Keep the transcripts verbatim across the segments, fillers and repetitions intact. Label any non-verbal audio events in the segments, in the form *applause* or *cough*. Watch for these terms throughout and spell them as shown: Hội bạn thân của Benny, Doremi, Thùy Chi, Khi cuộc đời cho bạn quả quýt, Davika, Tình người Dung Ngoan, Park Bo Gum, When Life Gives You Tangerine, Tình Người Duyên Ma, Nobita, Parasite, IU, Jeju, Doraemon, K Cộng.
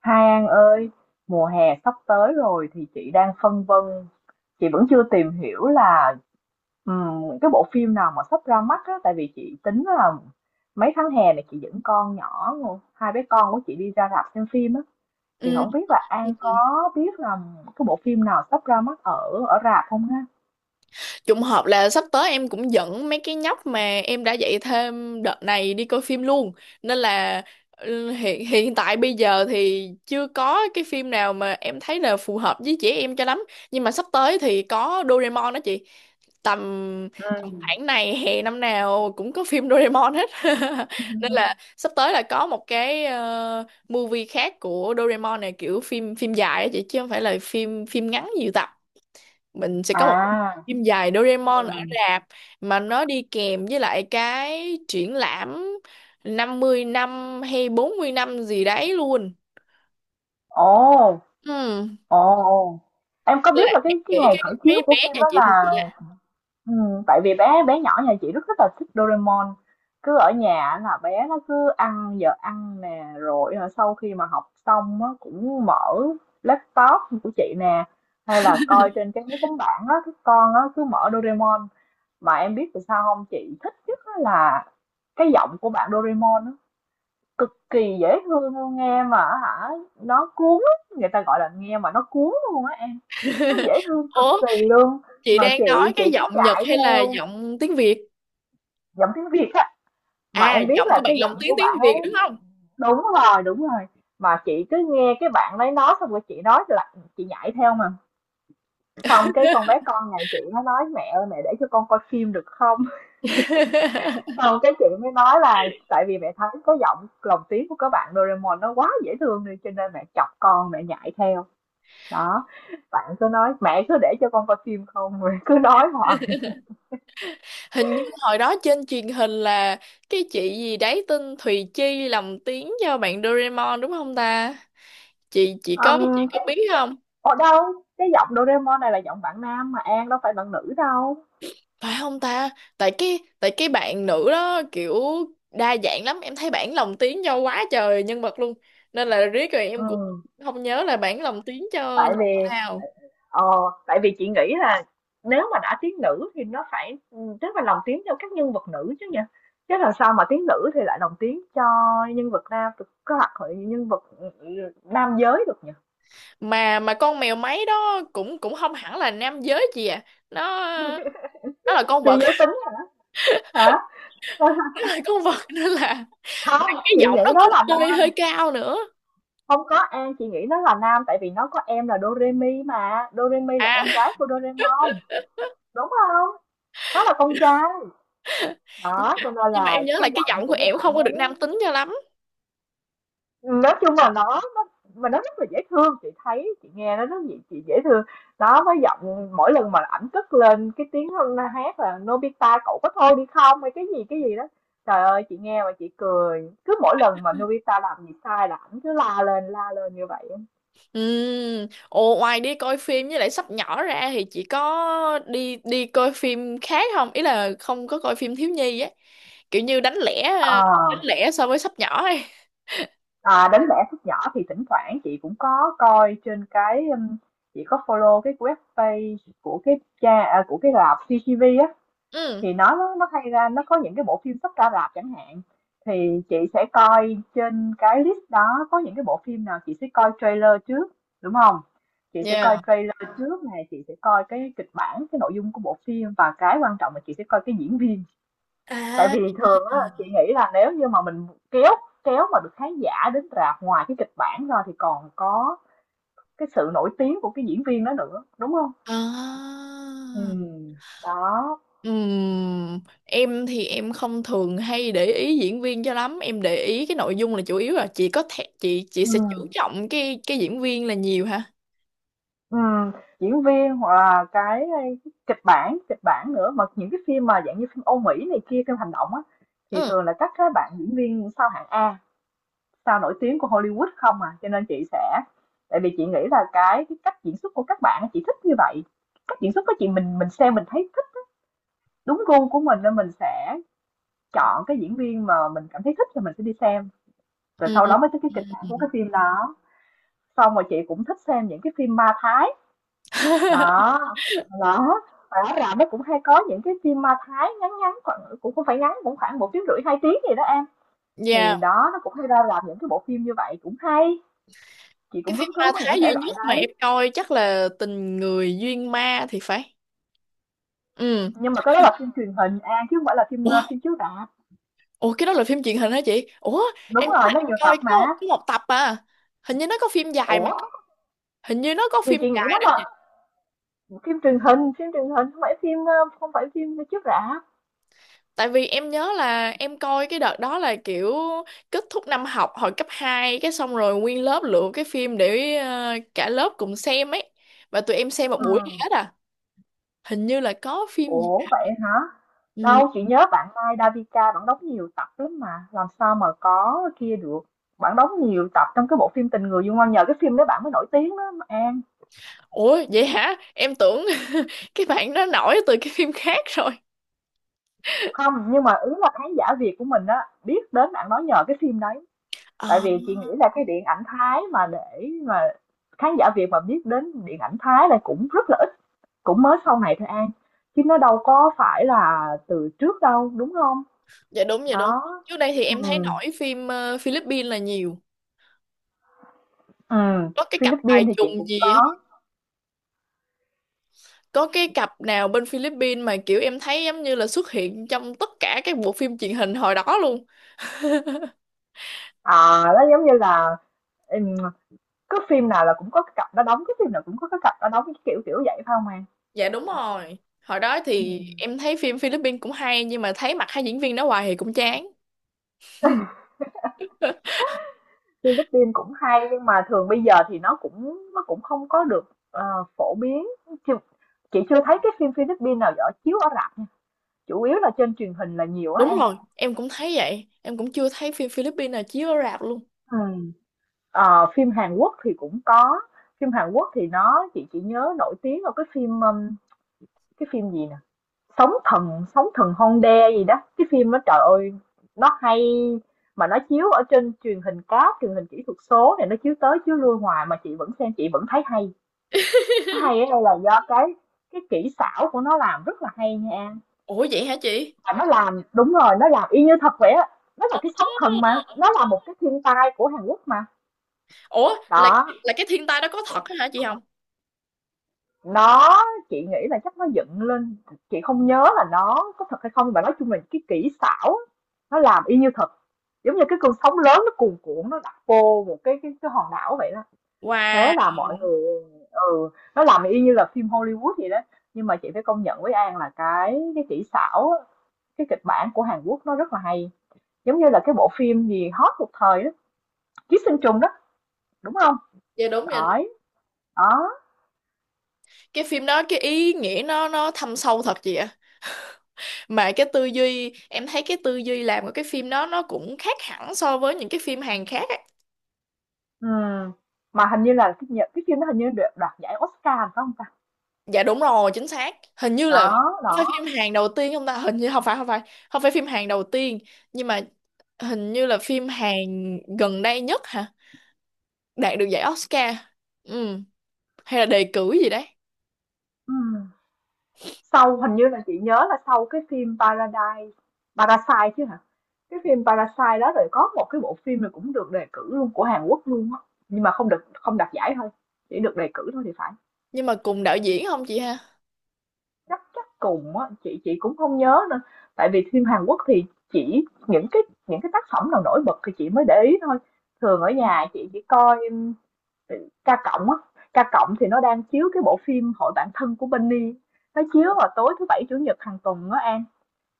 Hai An ơi, mùa hè sắp tới rồi thì chị đang phân vân, chị vẫn chưa tìm hiểu là ừm, những cái bộ phim nào mà sắp ra mắt á, tại vì chị tính là mấy tháng hè này chị dẫn con nhỏ, hai bé con của chị đi ra rạp xem phim á, thì Ừ. không biết là An có biết là cái bộ phim nào sắp ra mắt ở ở rạp không ha? Trùng hợp là sắp tới em cũng dẫn mấy cái nhóc mà em đã dạy thêm đợt này đi coi phim luôn. Nên là ừ, hiện hiện tại bây giờ thì chưa có cái phim nào mà em thấy là phù hợp với trẻ em cho lắm. Nhưng mà sắp tới thì có Doraemon đó chị. Tầm Ừ. tầm khoảng này hè năm nào cũng có phim Doraemon hết. *laughs* Nên là *laughs* sắp tới là có một cái ờ, movie khác của Doraemon, này kiểu phim phim dài á chị chứ không phải là phim phim ngắn nhiều tập. Mình sẽ có À, một phim dài ừ. Doraemon ở rạp mà nó đi kèm với lại cái triển lãm năm mươi năm hay bốn mươi năm gì đấy luôn. Ồ, Ừ. ồ, ồ. Em có biết Là là em cái cái nghĩ ngày cái khởi chiếu mấy của bé phim nhà đó chị thì là chị là… Ừ, tại vì bé bé nhỏ nhà chị rất rất là thích Doraemon, cứ ở nhà là bé nó cứ ăn giờ ăn nè rồi hả, sau khi mà học xong á, cũng mở laptop của chị nè hay là coi trên cái máy tính bảng đó các con á, cứ mở Doraemon. Mà em biết tại sao không, chị thích nhất á là cái giọng của bạn Doraemon á, cực kỳ dễ thương luôn nghe mà hả, nó cuốn á, người ta gọi là nghe mà nó cuốn luôn á em, nó dễ *laughs* thương cực Ủa, kỳ luôn. chị Mà đang chị nói chị cái cứ giọng Nhật dạy hay là theo giọng tiếng Việt? giọng tiếng Việt á. Mà À, em biết giọng là của bạn cái lồng giọng tiếng của tiếng bạn Việt đúng ấy, không? đúng rồi đúng rồi, mà chị cứ nghe cái bạn ấy nói xong rồi chị nói là chị nhảy theo. Mà xong cái con bé con nhà chị nó nói mẹ ơi mẹ để cho con coi phim được không, *laughs* *laughs* xong cái chị mới nói là tại vì mẹ thấy có giọng lồng tiếng của các bạn Doraemon nó quá dễ thương đi cho nên mẹ chọc con mẹ nhảy theo. Đó, bạn cứ nói mẹ cứ để cho con coi phim không, *laughs* rồi cứ nói hoài. Hình như hồi đó trên truyền hình là cái chị gì đấy tên Thùy Chi lồng tiếng cho bạn Doraemon đúng không ta? chị chị có chị Ừm, có cái, biết cái không? ở đâu, cái giọng Doraemon này là giọng bạn nam mà An, đâu phải bạn nữ đâu. Phải không ta? Tại cái tại cái bạn nữ đó kiểu đa dạng lắm, em thấy bản lồng tiếng cho quá trời nhân vật luôn, nên là riết rồi em cũng Ừ, không nhớ là bản lồng tiếng cho tại nhân vật vì nào. ờ, tại vì chị nghĩ là nếu mà đã tiếng nữ thì nó phải ừ, tức là lồng tiếng cho các nhân vật nữ chứ nhỉ, chứ làm sao mà tiếng nữ thì lại lồng tiếng cho nhân vật nam được, có hoặc là nhân vật ừ, ừ, nam giới được nhỉ. Mà mà con mèo máy đó cũng cũng không hẳn là nam giới chị à. Nó nó là con Phi vật. giới *laughs* tính hả? Hả? Nó là con vật nên là Không, cái chị giọng nghĩ nó nó cũng là hơi hơi nam. cao nữa. Không có An, chị nghĩ nó là nam, tại vì nó có em là Doremi, mà Doremi là À, em gái của Doraemon đúng không, nó là con trai. nhưng Đó mà cho nên nhưng mà là em nhớ là cái cái giọng giọng của của cái em bạn không có được đấy, nam tính cho lắm. nói chung là nó, nó mà nó rất là dễ thương, chị thấy chị nghe nó rất dễ, chị dễ thương nó với giọng. Mỗi lần mà ảnh cất lên cái tiếng hát là Nobita cậu có thôi đi không hay cái gì cái gì đó, trời ơi chị nghe mà chị cười. Cứ mỗi lần mà Nobita làm gì sai là ảnh cứ la lên la lên như vậy. Ừ. Ồ, ngoài đi coi phim với lại sắp nhỏ ra thì chị có đi đi coi phim khác không? Ý là không có coi phim thiếu nhi ấy. Kiểu như đánh lẻ Ờ, đánh lẻ so với sắp nhỏ ấy. à, đến vẽ phút nhỏ thì thỉnh thoảng chị cũng có coi trên cái um, chị có follow cái web page của cái cha à, của cái rạp xê xê tê vê á, Ừ. thì nó nó nó hay ra, nó có những cái bộ phim sắp ra rạp chẳng hạn, thì chị sẽ coi trên cái list đó có những cái bộ phim nào, chị sẽ coi trailer trước đúng không, chị sẽ coi Yeah. trailer trước này, chị sẽ coi cái kịch bản, cái nội dung của bộ phim, và cái quan trọng là chị sẽ coi cái diễn viên. Tại À. vì thường á chị nghĩ là nếu như mà mình kéo kéo mà được khán giả đến rạp, ngoài cái kịch bản ra thì còn có cái sự nổi tiếng của cái diễn viên đó nữa đúng không, À. ừ, đó, Ừm, Em thì em không thường hay để ý diễn viên cho lắm, em để ý cái nội dung là chủ yếu. Là chị có thể chị chị sẽ chú ừ. trọng cái cái diễn viên là nhiều hả? Ừ, diễn viên hoặc là cái, kịch bản kịch bản nữa, mà những cái phim mà dạng như phim Âu Mỹ này kia, phim hành động á thì Ừ. thường là các cái bạn diễn viên sao hạng A, sao nổi tiếng của Hollywood không à, cho nên chị sẽ, tại vì chị nghĩ là cái cái cách diễn xuất của các bạn á, chị thích như vậy. Cách diễn xuất của chị, mình mình xem mình thấy thích, đúng gu của mình nên mình sẽ chọn cái diễn viên mà mình cảm thấy thích thì mình sẽ đi xem, rồi sau Ừ. đó mới tới cái kịch bản của cái phim đó. Xong rồi chị cũng thích xem những cái phim ma Thái. *laughs* Đó, đó, rõ ràng nó cũng hay có những cái phim ma Thái ngắn ngắn, khoảng cũng không phải ngắn, cũng khoảng một tiếng, rưỡi hai tiếng gì đó em. Ừ. Thì đó, nó cũng hay ra làm những cái bộ phim như vậy cũng hay. Chị Cái cũng phim hứng thú ma với những Thái thể duy loại nhất mà đấy. em coi chắc là Tình Người Duyên Ma thì phải. Ừ. Nhưng mà cái đó là phim truyền hình An, chứ không phải là phim ờ, Ủa, phim chiếu rạp. ủa cái đó là phim truyền hình hả chị? Ủa, Đúng em nhớ rồi, là nó em nhiều tập coi mà. có, có một tập à. Hình như nó có phim dài mà. Ủa, Hình như nó có thì phim chị nghĩ dài nó đó chị. là phim truyền hình, phim truyền hình, không phải phim ờ, không phải phim chiếu rạp. Tại vì em nhớ là em coi cái đợt đó là kiểu kết thúc năm học hồi cấp hai, cái xong rồi nguyên lớp lựa cái phim để ờ, cả lớp cùng xem ấy. Và tụi em xem một Ừ. buổi hết à. Hình như là có phim gì. Ủa vậy hả? Ừ. Đâu, chị nhớ bạn Mai Davika bạn đóng nhiều tập lắm mà, làm sao mà có kia được. Bạn đóng nhiều tập trong cái bộ phim Tình Người Dung Ngoan, nhờ cái phim đó bạn mới nổi tiếng đó mà An. Ủa vậy hả? Em tưởng *laughs* cái bạn đó nổi từ cái phim khác rồi. Không, nhưng mà ý là khán giả Việt của mình á biết đến bạn nói nhờ cái phim đấy. Tại Ờ, vì chị nghĩ là cái điện ảnh Thái, mà để mà khán giả Việt mà biết đến điện ảnh Thái là cũng rất là ít, cũng mới sau này thôi An. Chứ nó đâu có phải là từ trước đâu, đúng không? dạ đúng, dạ đúng. Đó. Trước đây thì em thấy Ừ. nổi phim ờ, Philippines là nhiều. Ừm, Có cái cặp Philippines bài thì chị trùng cũng gì có. ấy. Có cái cặp nào bên Philippines mà kiểu em thấy giống như là xuất hiện trong tất cả các bộ phim truyền hình hồi đó luôn. Ờ, nó giống như là, ừm, cứ phim nào là cũng có cái cặp đó đóng, cái phim nào cũng có cái cặp đó đóng, cái kiểu kiểu vậy phải không em? Dạ đúng rồi. Hồi đó thì Ừm. em thấy phim Philippines cũng hay nhưng mà thấy mặt hai diễn viên đó hoài thì cũng chán. *laughs* Philippines cũng hay nhưng mà thường bây giờ thì nó cũng nó cũng không có được ờ, phổ biến. Chưa, chị chưa thấy cái phim Philippines nào ở chiếu ở rạp nha. Chủ yếu là trên truyền hình là nhiều á Đúng em. rồi, em cũng thấy vậy. Em cũng chưa thấy phim Philippines nào chiếu ở rạp luôn. Ừ. Ờ, phim Hàn Quốc thì cũng có. Phim Hàn Quốc thì nó chị chỉ nhớ nổi tiếng là cái phim um, cái phim gì nè? Sóng thần Sóng thần Honda gì đó, cái phim đó trời ơi, nó hay, mà nó chiếu ở trên truyền hình cáp, truyền hình kỹ thuật số này, nó chiếu tới chiếu lui hoài mà chị vẫn xem, chị vẫn thấy hay. Nó hay ở *laughs* đây là do cái cái kỹ xảo của nó làm rất là hay nha An. Ủa vậy hả chị? Và nó làm đúng rồi, nó làm y như thật vậy á. Nó là Ồ, cái sóng thần mà, nó là một cái thiên tai của Hàn Quốc mà. ủa là Đó, là cái thiên tai đó có thật á hả chị không? Nó chị nghĩ là chắc nó dựng lên, chị không nhớ là nó có thật hay không, nhưng mà nói chung là cái kỹ xảo nó làm y như thật. Giống như cái cơn sóng lớn nó cuồn cuộn nó đặt vô một cái cái cái hòn đảo vậy đó. Wow, Thế là mọi người ừ, nó làm y như là phim Hollywood vậy đó. Nhưng mà chị phải công nhận với An là cái cái kỹ xảo, á, cái kịch bản của Hàn Quốc nó rất là hay. Giống như là cái bộ phim gì hot một thời đó, Ký Sinh Trùng đó, đúng không? dạ đúng rồi. Đấy. Đó. Cái phim đó cái ý nghĩa nó nó thâm sâu thật chị ạ. Mà cái tư duy, em thấy cái tư duy làm của cái phim đó nó cũng khác hẳn so với những cái phim Hàn khác á. Ừm, mà hình như là cái nhờ cái phim, nó hình như được đoạt giải Oscar phải không ta? Dạ đúng rồi, chính xác. Hình như là Đó, đó, phải phim Hàn đầu tiên không ta? Hình như không phải, không phải. Không phải phim Hàn đầu tiên, nhưng mà hình như là phim Hàn gần đây nhất hả? Đạt được giải Oscar. Ừ, hay là đề cử gì đấy. ừm. Sau hình như là chị nhớ là sau cái phim Paradise Parasite chứ hả? Cái phim Parasite đó, rồi có một cái bộ phim này cũng được đề cử luôn của Hàn Quốc luôn á, nhưng mà không được không đạt giải thôi, chỉ được đề cử thôi thì phải. Nhưng mà cùng đạo diễn không chị ha? Chắc chắc cùng á, chị chị cũng không nhớ nữa. Tại vì phim Hàn Quốc thì chỉ những cái những cái tác phẩm nào nổi bật thì chị mới để ý thôi. Thường ở nhà chị chỉ coi K Cộng á, K Cộng thì nó đang chiếu cái bộ phim Hội Bạn Thân của Benny. Nó chiếu vào tối thứ Bảy, Chủ nhật hàng tuần á An.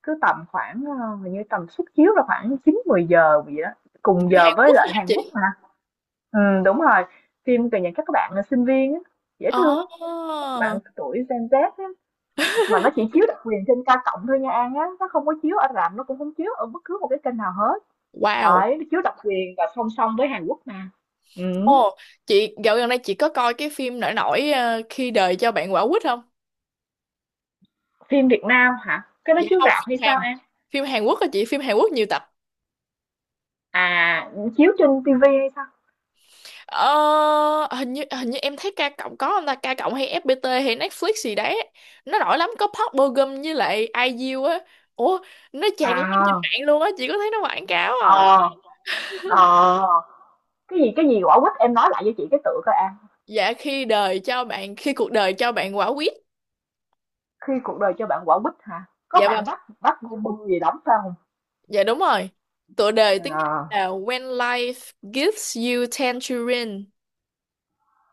Cứ tầm khoảng, ờ, hình như tầm suất chiếu là khoảng chín mười giờ vậy đó. Cùng giờ Hàn với Quốc lại hả Hàn Quốc chị? mà. Ừ, đúng rồi. Phim về những các bạn là sinh viên á. Dễ thương lắm. Các bạn Oh, tuổi gen zi á. Mà nó chỉ chiếu đặc quyền trên K Cộng thôi nha An á. Nó không có chiếu ở rạp, nó cũng không chiếu ở bất cứ một cái kênh nào hết. wow. Đấy, nó chiếu độc quyền và song song với Hàn Quốc mà. Ừ. Ồ, chị dạo gần đây chị có coi cái phim nổi nổi ờ, khi đời cho bạn quả quýt không? Phim Việt Nam hả? Cái đó Dạ chiếu không, rạp hay phim sao Hàn. An? Phim Hàn Quốc hả chị? Phim Hàn Quốc nhiều tập. À, chiếu trên ti vi hay sao? Ờ, hình như hình như em thấy K cộng có không ta? K cộng hay ép pi ti hay Netflix gì đấy. Nó nổi lắm, có Park Bo Gum với lại i u á. Ủa, nó tràn lan trên À, mạng luôn á, chị có thấy nó quảng cáo à? ờ, ờ. Cái gì cái gì quả quýt em nói lại cho chị cái tựa coi An. Dạ khi đời cho bạn khi cuộc đời cho bạn quả quýt. Khi cuộc đời cho bạn quả quýt hả? Có Dạ bạn vâng. bắt bắt bu bu gì đóng phải không? Dạ đúng rồi. Tựa đề tiếng Anh Ờ, là When Life Gives You Tangerine.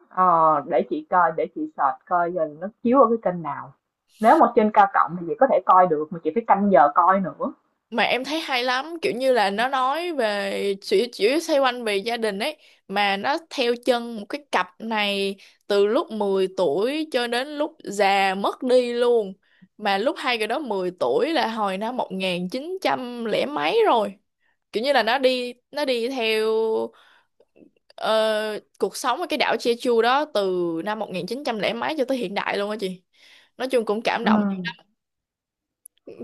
ờ, để chị coi, để chị search coi giờ nó chiếu ở cái kênh nào. Nếu mà trên cao cộng thì chị có thể coi được mà chị phải canh giờ coi nữa. Mà em thấy hay lắm, kiểu như là nó nói về, chỉ chỉ xoay quanh về gia đình ấy, mà nó theo chân một cái cặp này từ lúc mười tuổi cho đến lúc già mất đi luôn. Mà lúc hai người đó mười tuổi là hồi năm một nghìn chín trăm lẻ mấy rồi. Kiểu như là nó đi nó đi theo ờ, cuộc sống ở cái đảo Jeju đó, từ năm một nghìn chín trăm lẻ mấy cho tới hiện đại luôn á chị. Nói chung cũng cảm Ừ. động dữ lắm.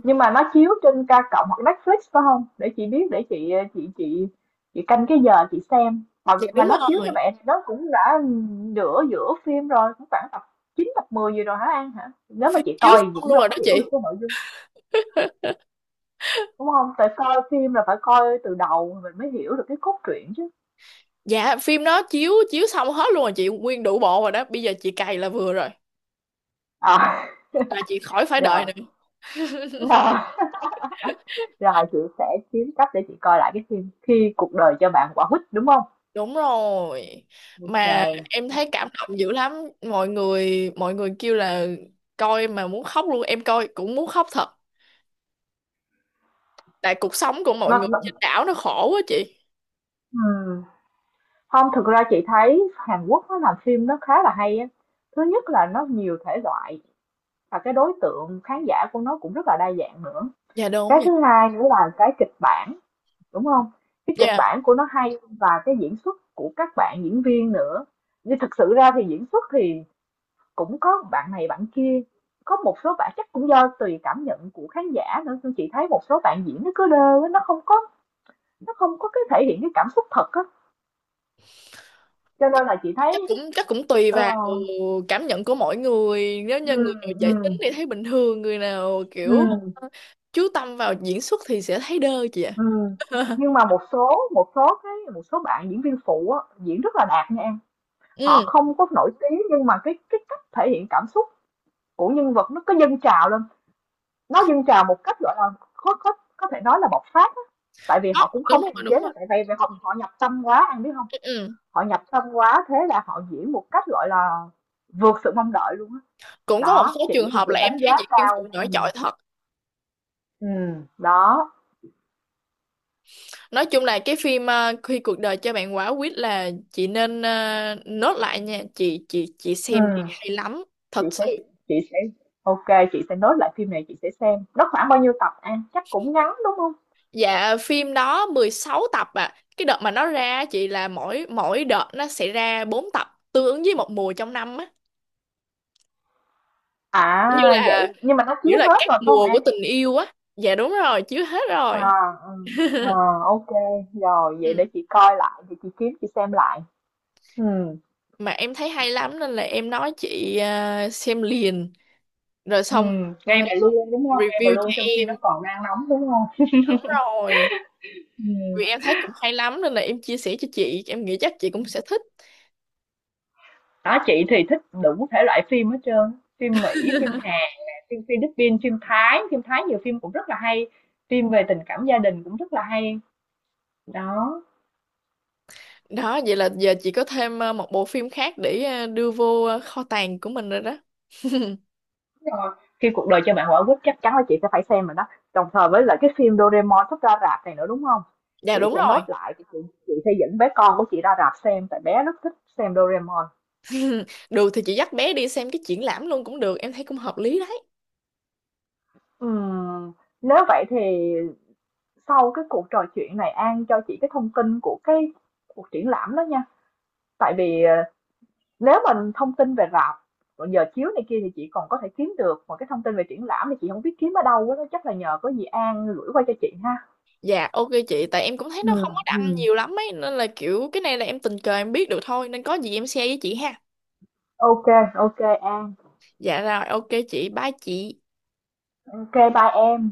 Nhưng mà nó chiếu trên ca cộng hoặc Netflix phải không, để chị biết, để chị chị chị chị canh cái giờ chị xem. mà Dạ mà đúng nó chiếu rồi, như vậy thì nó cũng đã nửa giữa phim rồi, cũng khoảng tập chín tập mười gì rồi hả An hả? Nếu mà chị chiếu coi thì chị xong cũng luôn đâu rồi đó có hiểu được chị. cái nội dung đúng không, tại coi phim là phải coi từ đầu mình mới hiểu được cái cốt truyện chứ. Dạ phim đó chiếu chiếu xong hết luôn rồi chị, nguyên đủ bộ rồi đó, bây giờ chị cày là vừa rồi, À, *laughs* là chị khỏi phải rồi đợi nữa. rồi rồi chị sẽ kiếm cách để chị coi lại cái phim Khi cuộc đời cho bạn quả quýt đúng không? Đúng rồi, ô kê. mà em thấy cảm động dữ lắm. Mọi người mọi người kêu là coi mà muốn khóc luôn, em coi cũng muốn khóc thật, tại cuộc sống của mọi nó, người nó trên đảo nó khổ quá chị. ừ. Không, thực ra chị thấy Hàn Quốc nó làm phim nó khá là hay á. Thứ nhất là nó nhiều thể loại và cái đối tượng khán giả của nó cũng rất là đa dạng nữa. Dạ đúng Cái vậy. thứ hai nữa là cái kịch bản, đúng không? Cái kịch Dạ bản của nó hay và cái diễn xuất của các bạn diễn viên nữa. Nhưng thực sự ra thì diễn xuất thì cũng có bạn này bạn kia, có một số bạn chắc cũng do tùy cảm nhận của khán giả nữa, nhưng chị thấy một số bạn diễn nó cứ đơ á, nó không có nó không có cái thể hiện cái cảm xúc thật á. Cho nên là chị chắc thấy, cũng chắc cũng tùy ờ. vào cảm nhận của mỗi người, nếu như Ừ, người nào dễ tính ừ, thì thấy bình thường, người nào kiểu ừ, ờ, chú tâm vào diễn xuất thì sẽ thấy đơ chị ạ. ừ. *laughs* Nhưng mà một số một số cái một số bạn diễn viên phụ á, diễn rất là đạt nha An. Họ Ừ, không có nổi tiếng nhưng mà cái cái cách thể hiện cảm xúc của nhân vật nó cứ dâng trào lên, nó dâng trào một cách, gọi là, có có có thể nói là bộc phát á. Tại vì có, họ cũng đúng không rồi, kiềm chế đúng rồi. được, tại vì vì họ họ nhập tâm quá, anh biết không? Ừ. Ừ. Họ nhập tâm quá, thế là họ diễn một cách, gọi là, vượt sự mong đợi luôn á. Cũng có một Đó, số chị trường thì hợp chị là em đánh thấy giá diễn viên cao. phụ ừ, nổi trội thật. ừm, đó, Nói chung là cái phim ờ, khi cuộc đời cho bạn quả quýt là chị nên ờ, nốt lại nha chị chị chị ừ. xem đi hay lắm Chị thật sẽ sự. chị sẽ ô kê, chị sẽ nốt lại phim này chị sẽ xem. Nó khoảng bao nhiêu tập An? Chắc cũng ngắn đúng không? Dạ phim đó mười sáu tập à. Cái đợt mà nó ra á chị là mỗi mỗi đợt nó sẽ ra bốn tập, tương ứng với một mùa trong năm á. Giống như À là, vậy, nhưng mà nó nghĩa chiếu là hết các rồi phải không mùa của An? tình yêu á. Dạ đúng rồi, chiếu hết rồi. À, ừ. Ờ, ô kê, rồi Ừ. vậy để chị coi lại, thì chị kiếm chị xem lại. Ừ. Mà em thấy hay lắm nên là em nói chị à, xem liền rồi Ừ, xong ngay à, vào luôn đúng không? Ngay vào review cho luôn trong khi em. nó còn đang nóng đúng không? Đúng rồi. Ừ. Vì em thấy cũng hay lắm nên là em chia sẻ cho chị, em nghĩ chắc chị cũng sẽ thích. Đó, chị thì thích đủ thể loại phim hết trơn. Phim Mỹ, phim Hàn, nè, phim Philippines, phim Thái, phim Thái nhiều phim cũng rất là hay. Phim về tình cảm gia đình cũng rất là hay. Đó. Đó, vậy là giờ chị có thêm à, một bộ phim khác để à, đưa vô à, kho tàng của mình rồi đó. Rồi. Khi cuộc đời cho bạn quả quýt chắc chắn là chị sẽ phải xem rồi đó. Đồng thời với lại cái phim Doraemon sắp ra rạp này nữa đúng không? Dạ Chị đúng sẽ rồi. nốt lại thì chị, chị sẽ dẫn bé con của chị ra rạp xem tại bé rất thích xem Doraemon. *laughs* Được thì chị dắt bé đi xem cái triển lãm luôn cũng được, em thấy cũng hợp lý đấy. Ừm, nếu vậy thì sau cái cuộc trò chuyện này An cho chị cái thông tin của cái cuộc triển lãm đó nha. Tại vì ờ, nếu mình thông tin về rạp còn giờ chiếu này kia thì chị còn có thể kiếm được, mà cái thông tin về triển lãm thì chị không biết kiếm ở đâu á, đó chắc là nhờ có gì An gửi qua cho chị ha. Dạ ok chị, tại em cũng thấy Ừ, nó không có đăng ừ. nhiều lắm ấy, nên là kiểu cái này là em tình cờ em biết được thôi, nên có gì em share với chị ha. ô kê, ô kê An. Dạ rồi, ok chị, bye chị. ô kê, bye em.